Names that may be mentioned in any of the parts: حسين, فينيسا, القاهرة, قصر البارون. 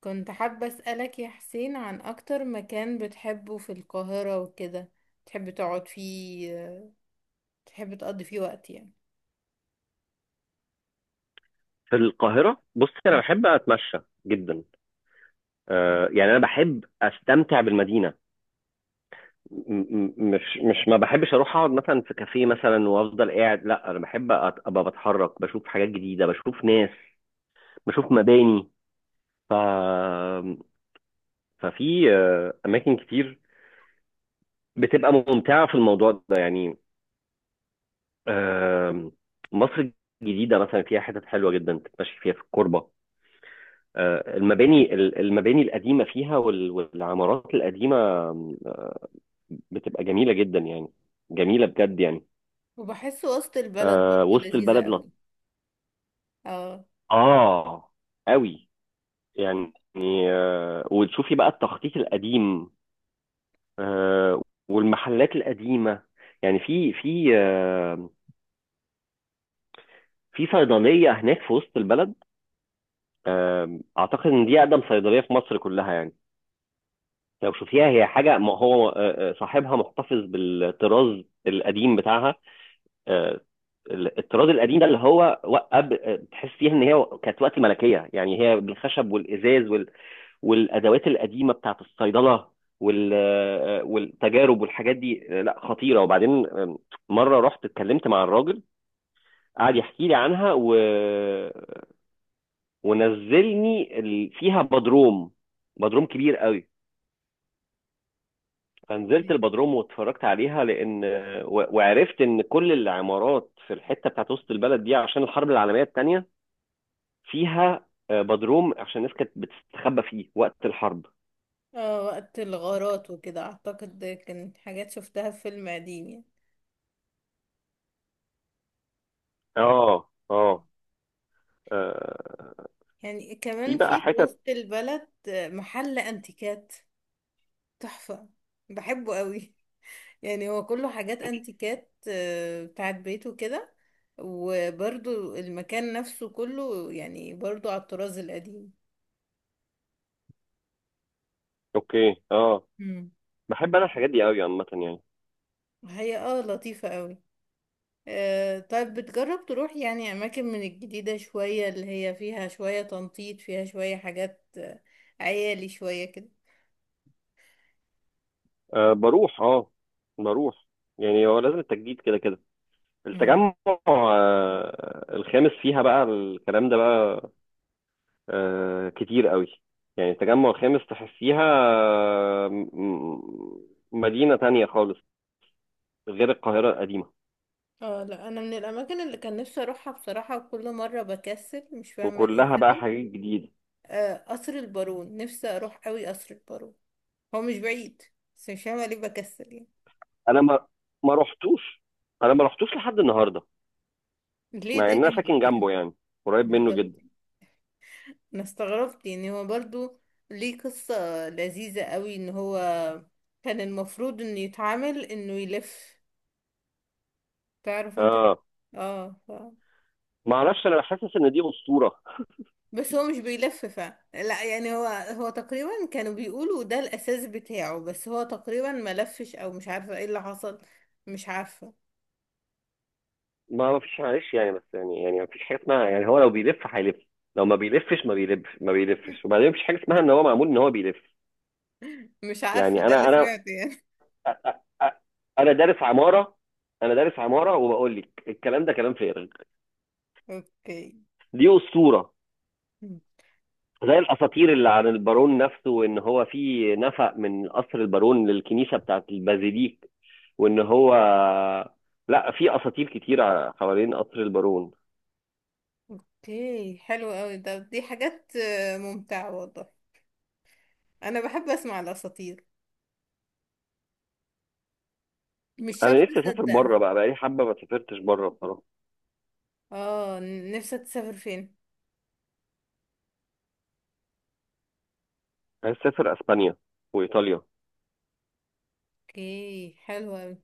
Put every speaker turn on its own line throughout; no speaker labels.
كنت حابة أسألك يا حسين عن أكتر مكان بتحبه في القاهرة وكده. تحب تقعد فيه، تحب تقضي فيه وقت يعني.
في القاهرة بص، أنا
مم.
بحب أتمشى جدا. يعني أنا بحب أستمتع بالمدينة. م- مش ما بحبش أروح أقعد مثلا في كافيه مثلا وأفضل قاعد. لا، أنا بحب أبقى بتحرك، بشوف حاجات جديدة، بشوف ناس، بشوف مباني. ف ففي أماكن كتير بتبقى ممتعة في الموضوع ده يعني. آم، مصر الجديدة مثلا فيها حتت حلوة جدا تتمشي فيها في الكوربة. المباني القديمة فيها والعمارات القديمة بتبقى جميلة جدا يعني، جميلة بجد يعني.
وبحسه وسط البلد
آه،
برضه
وسط
لذيذة
البلد
أوي. اه.
نقعة قوي يعني. آه، وتشوفي بقى التخطيط القديم، آه، والمحلات القديمة. يعني في صيدلية هناك في وسط البلد. آه، أعتقد إن دي أقدم صيدلية في مصر كلها يعني. لو شوفيها هي حاجة، ما هو صاحبها محتفظ بالطراز القديم بتاعها. آه، الطراز القديم ده اللي هو تحس فيها ان هي كانت وقت ملكيه، يعني هي بالخشب والازاز والادوات القديمه بتاعت الصيدله، والتجارب والحاجات دي. لا، خطيره. وبعدين، مره رحت اتكلمت مع الراجل، قعد يحكي لي عنها ونزلني فيها بدروم، بدروم كبير قوي. فنزلت
مم.
البدروم واتفرجت عليها، لان وعرفت ان كل العمارات في الحته بتاعت وسط البلد دي، عشان الحرب العالميه الثانيه، فيها بدروم عشان الناس كانت بتستخبى فيه وقت الحرب.
اه، وقت الغارات وكده أعتقد ده كان حاجات شفتها في فيلم قديم يعني.
اه،
مم.
اه. آه،
يعني
في
كمان
بقى
في
حتت.
وسط البلد محل أنتيكات تحفة، بحبه أوي. يعني هو كله حاجات انتيكات بتاعت بيته كده. وبرضو المكان نفسه كله يعني برضو على الطراز القديم.
اوكي، اه.
مم.
بحب انا الحاجات دي قوي عامه يعني.
هي لطيفة قوي. طيب، بتجرب تروح يعني أماكن من الجديدة شوية، اللي هي فيها شوية تنطيط، فيها شوية حاجات عيالي شوية كده؟
آه، بروح. اه، بروح. يعني هو لازم التجديد كده كده.
مم.
التجمع الخامس فيها بقى الكلام ده بقى، آه، كتير قوي. يعني التجمع الخامس تحسيها مدينة تانية خالص، غير القاهرة القديمة.
اه، لا انا من الاماكن اللي كان نفسي اروحها بصراحه، وكل مره بكسل مش فاهمه ايه
وكلها بقى
السبب.
حاجات جديدة.
قصر البارون، نفسي اروح قوي قصر البارون. هو مش بعيد، بس مش فاهمة ليه بكسل يعني.
انا ما رحتوش، انا ما رحتوش لحد النهارده،
ليه؟
مع
ده
ان انا
جنبك
ساكن
يعني.
جنبه يعني، قريب منه
بالظبط.
جدا.
أنا استغربت يعني. هو برضو ليه قصة لذيذة قوي، إن هو كان المفروض إنه يتعامل، إنه يلف، تعرف أنت
اه،
اه ف...
ما اعرفش، انا حاسس ان دي اسطوره.
بس هو مش بيلف. لا يعني، هو تقريبا كانوا بيقولوا ده الأساس بتاعه، بس هو تقريبا ما لفش، أو مش عارفة ايه اللي حصل. مش عارفة.
ما فيش، معلش يعني، بس يعني ما فيش حاجه اسمها يعني هو لو بيلف هيلف، لو ما بيلفش ما بيلف ما بيلفش. وبعدين ما فيش حاجه اسمها ان هو معمول ان هو بيلف.
مش عارفة،
يعني
ده اللي
انا
سمعته يعني.
أ- أ- أ- انا دارس عماره، انا دارس عماره وبقول لك الكلام ده كلام فارغ.
اوكي.
دي اسطوره، زي الاساطير اللي عن البارون نفسه، وان هو في نفق من قصر البارون للكنيسه بتاعت البازيليك، وان هو... لا، في اساطير كتير حوالين قصر البارون.
اوكي، حلو قوي. دي حاجات ممتعة والله. انا بحب اسمع الاساطير، مش
انا
شرط
نفسي اسافر
اصدقها.
بره بقى، بقالي حبه ما سافرتش بره بصراحه.
اه، نفسك تسافر فين؟
عايز اسافر اسبانيا وايطاليا.
اوكي، حلو قوي.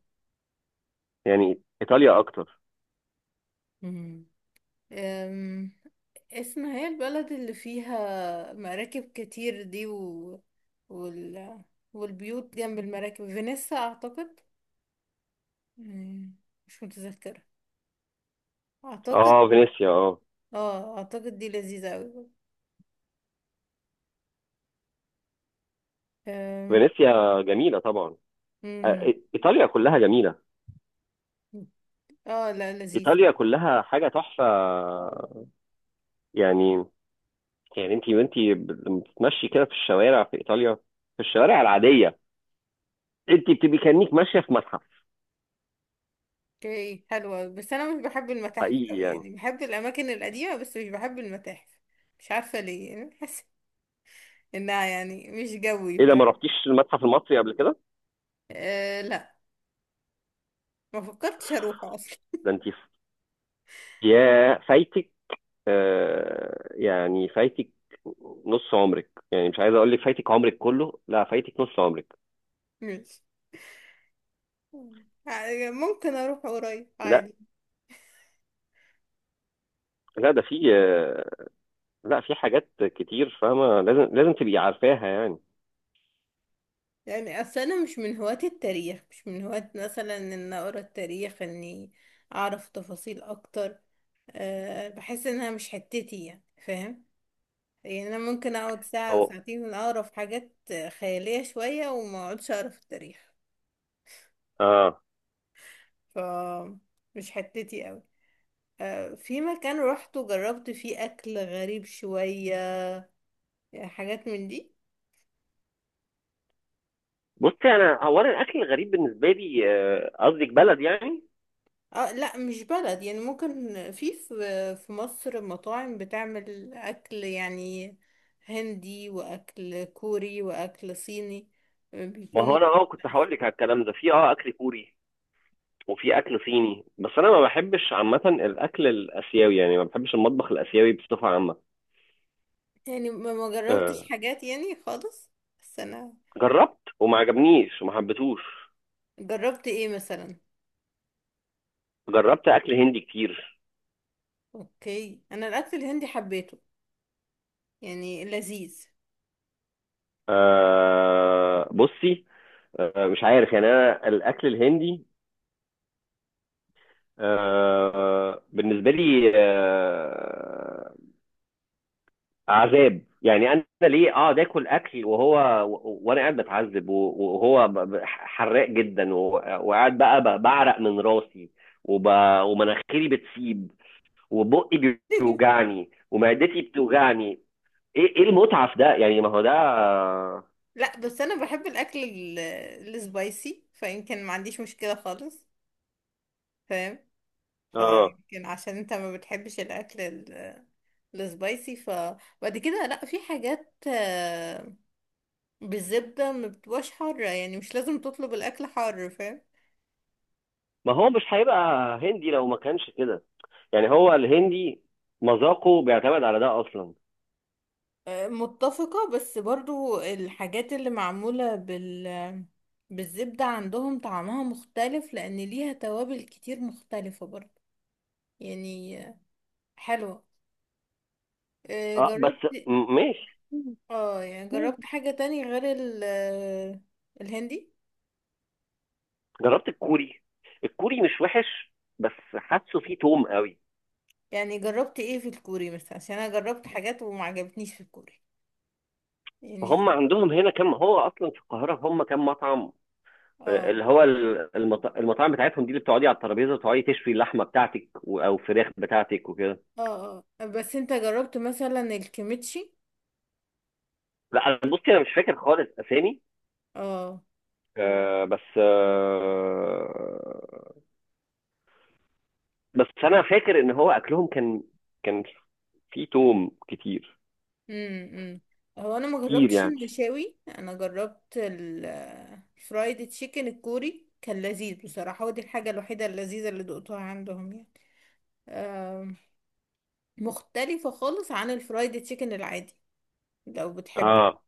يعني ايطاليا اكتر.
مم. أم، اسمها، هي البلد اللي فيها مراكب كتير دي وال... والبيوت جنب المراكب، فينيسا اعتقد. مم، مش متذكرة، اعتقد.
اه، فينيسيا، اه.
اه، اعتقد دي لذيذة قوي. أم،
فينيسيا جميله طبعا.
مم.
ايطاليا كلها جميله.
اه، لا لذيذ.
ايطاليا كلها حاجه تحفه يعني. يعني انت وانتي لما بتتمشي كده في الشوارع في ايطاليا، في الشوارع العاديه، انت بتبقي كانك ماشيه في متحف
اوكي حلوة، بس انا مش بحب المتاحف
حقيقي
قوي
يعني.
يعني. بحب الاماكن القديمة، بس مش بحب المتاحف. مش عارفة ليه يعني. بحس انها يعني مش جوي.
ايه ده، ما رحتيش المتحف المصري قبل كده؟
آه لا، ما فكرتش اروح اصلا.
ده انت يا فايتك، يعني فايتك نص عمرك. يعني مش عايز اقول لك فايتك عمرك كله، لا، فايتك نص عمرك.
مش، يعني ممكن اروح قريب
لا،
عادي.
لا، ده في لا، في حاجات كتير، فاهمه؟ لازم لازم تبقي عارفاها يعني.
يعني اصل انا مش من هواة التاريخ، مش من هواة مثلا ان اقرا التاريخ، اني اعرف تفاصيل اكتر. بحس انها مش حتتي يعني، فاهم؟ يعني انا ممكن اقعد ساعة او
هو...
ساعتين من اقرا في حاجات خيالية شوية، وما اقعدش اقرا في التاريخ.
اه
ف مش حتتي قوي. في مكان روحته جربت فيه اكل غريب شوية، يعني حاجات من دي.
بصي، انا الاكل الغريب بالنسبه لي، قصدك بلد يعني؟
اه لا، مش بلد، يعني ممكن في مصر مطاعم بتعمل اكل يعني هندي، واكل كوري، واكل صيني
ما هو
بيكون.
انا، كنت هقول لك على الكلام ده، في اكل كوري وفي اكل صيني، بس انا ما بحبش عامه الاكل الاسيوي يعني، ما بحبش المطبخ الاسيوي بصفه عامه.
يعني ما جربتش حاجات يعني خالص، بس انا.
جربت وما عجبنيش وما حبيتهوش.
جربت ايه مثلا؟
جربت اكل هندي كتير.
اوكي، انا الاكل الهندي حبيته يعني، لذيذ.
أه، بصي، أه، مش عارف يعني. انا الاكل الهندي أه، بالنسبه لي أه، عذاب يعني. انا ليه اقعد اكل اكل، وهو... وانا قاعد بتعذب، وهو حراق جدا، وقاعد بقى بعرق من راسي وب... ومناخيري بتسيب، وبقي بيوجعني ومعدتي بتوجعني. ايه، ايه المتعه في ده يعني؟ ما هو ده...
لا بس انا بحب الاكل السبايسي، فيمكن ما عنديش مشكلة خالص، فاهم؟
اه،
فيمكن عشان انت ما بتحبش الاكل السبايسي، فبعد كده لا، في حاجات بالزبدة ما بتبقاش حارة يعني. مش لازم تطلب الاكل حار فاهم.
ما هو مش هيبقى هندي لو ما كانش كده. يعني هو الهندي مذاقه بيعتمد على ده اصلا.
متفقة، بس برضو الحاجات اللي معمولة بالزبدة عندهم طعمها مختلف، لأن ليها توابل كتير مختلفة برضو يعني، حلوة.
اه،
جربت.
بس ماشي،
اه، يعني جربت
ماشي.
حاجة تانية غير ال آه، الهندي.
جربت الكوري، الكوري مش وحش، بس حاسه فيه توم قوي.
يعني جربت ايه في الكوري مثلا، عشان انا جربت حاجات وما عجبتنيش في الكوري
فهم
يعني.
عندهم هنا، كم هو اصلا في القاهره هم كم مطعم؟ آه،
اه
اللي هو المطاعم بتاعتهم دي، اللي بتقعدي على الترابيزه وتقعدي تشوي اللحمه بتاعتك او الفراخ بتاعتك وكده.
اه اه، بس انت جربت مثلا الكيميتشي؟
لا أنا- بصي، انا مش فاكر خالص اسامي.
اه.
آه، بس آه، بس انا فاكر ان هو اكلهم كان كان فيه توم كتير،
امم امم هو انا ما
كتير
جربتش
يعني.
المشاوي. انا جربت الفرايد تشيكن الكوري، كان لذيذ بصراحة، ودي الحاجة الوحيدة اللذيذة اللي دقتها عندهم يعني. آم، مختلفة خالص عن الفرايد تشيكن العادي لو بتحبه.
اه،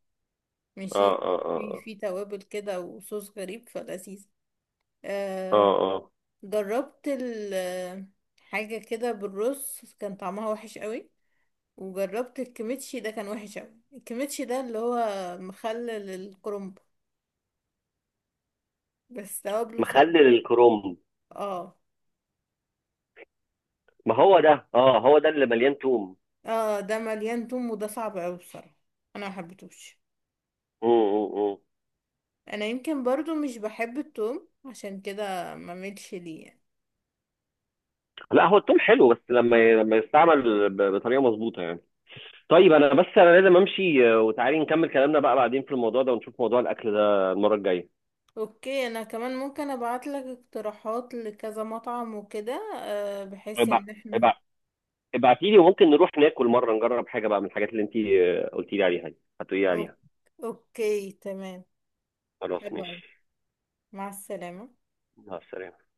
اه،
ماشي.
اه،
في
اه،
في توابل كده وصوص غريب فلذيذ.
اه،
آه،
اه.
جربت حاجة كده بالرز كان طعمها وحش قوي. وجربت الكيميتشي ده كان وحش قوي. الكيميتشي ده اللي هو مخلل الكرنب، بس توابله صعب.
مخلل الكروم.
اه
ما هو ده، اه، هو ده اللي مليان توم.
اه، ده مليان توم، وده صعب اوي بصراحة. انا ما حبيتهوش.
مم، مم، مم.
انا يمكن برضو مش بحب التوم، عشان كده ما ملش ليه يعني.
لا، هو التوم حلو بس لما يستعمل بطريقه مظبوطه يعني. طيب، انا بس لازم امشي، آه، وتعالي نكمل كلامنا بقى بعدين في الموضوع ده، ونشوف موضوع الاكل ده المره الجايه.
اوكي، انا كمان ممكن ابعت لك اقتراحات لكذا مطعم وكده، بحيث ان احنا.
طيب، ابعتي لي وممكن نروح ناكل مرة، نجرب حاجة بقى من الحاجات اللي انت قلتي لي عليها دي هتقولي لي
أوك-
عليها.
اوكي، تمام.
خلاص،
حلو اوي.
ماشي.
مع السلامة.
مع السلامة.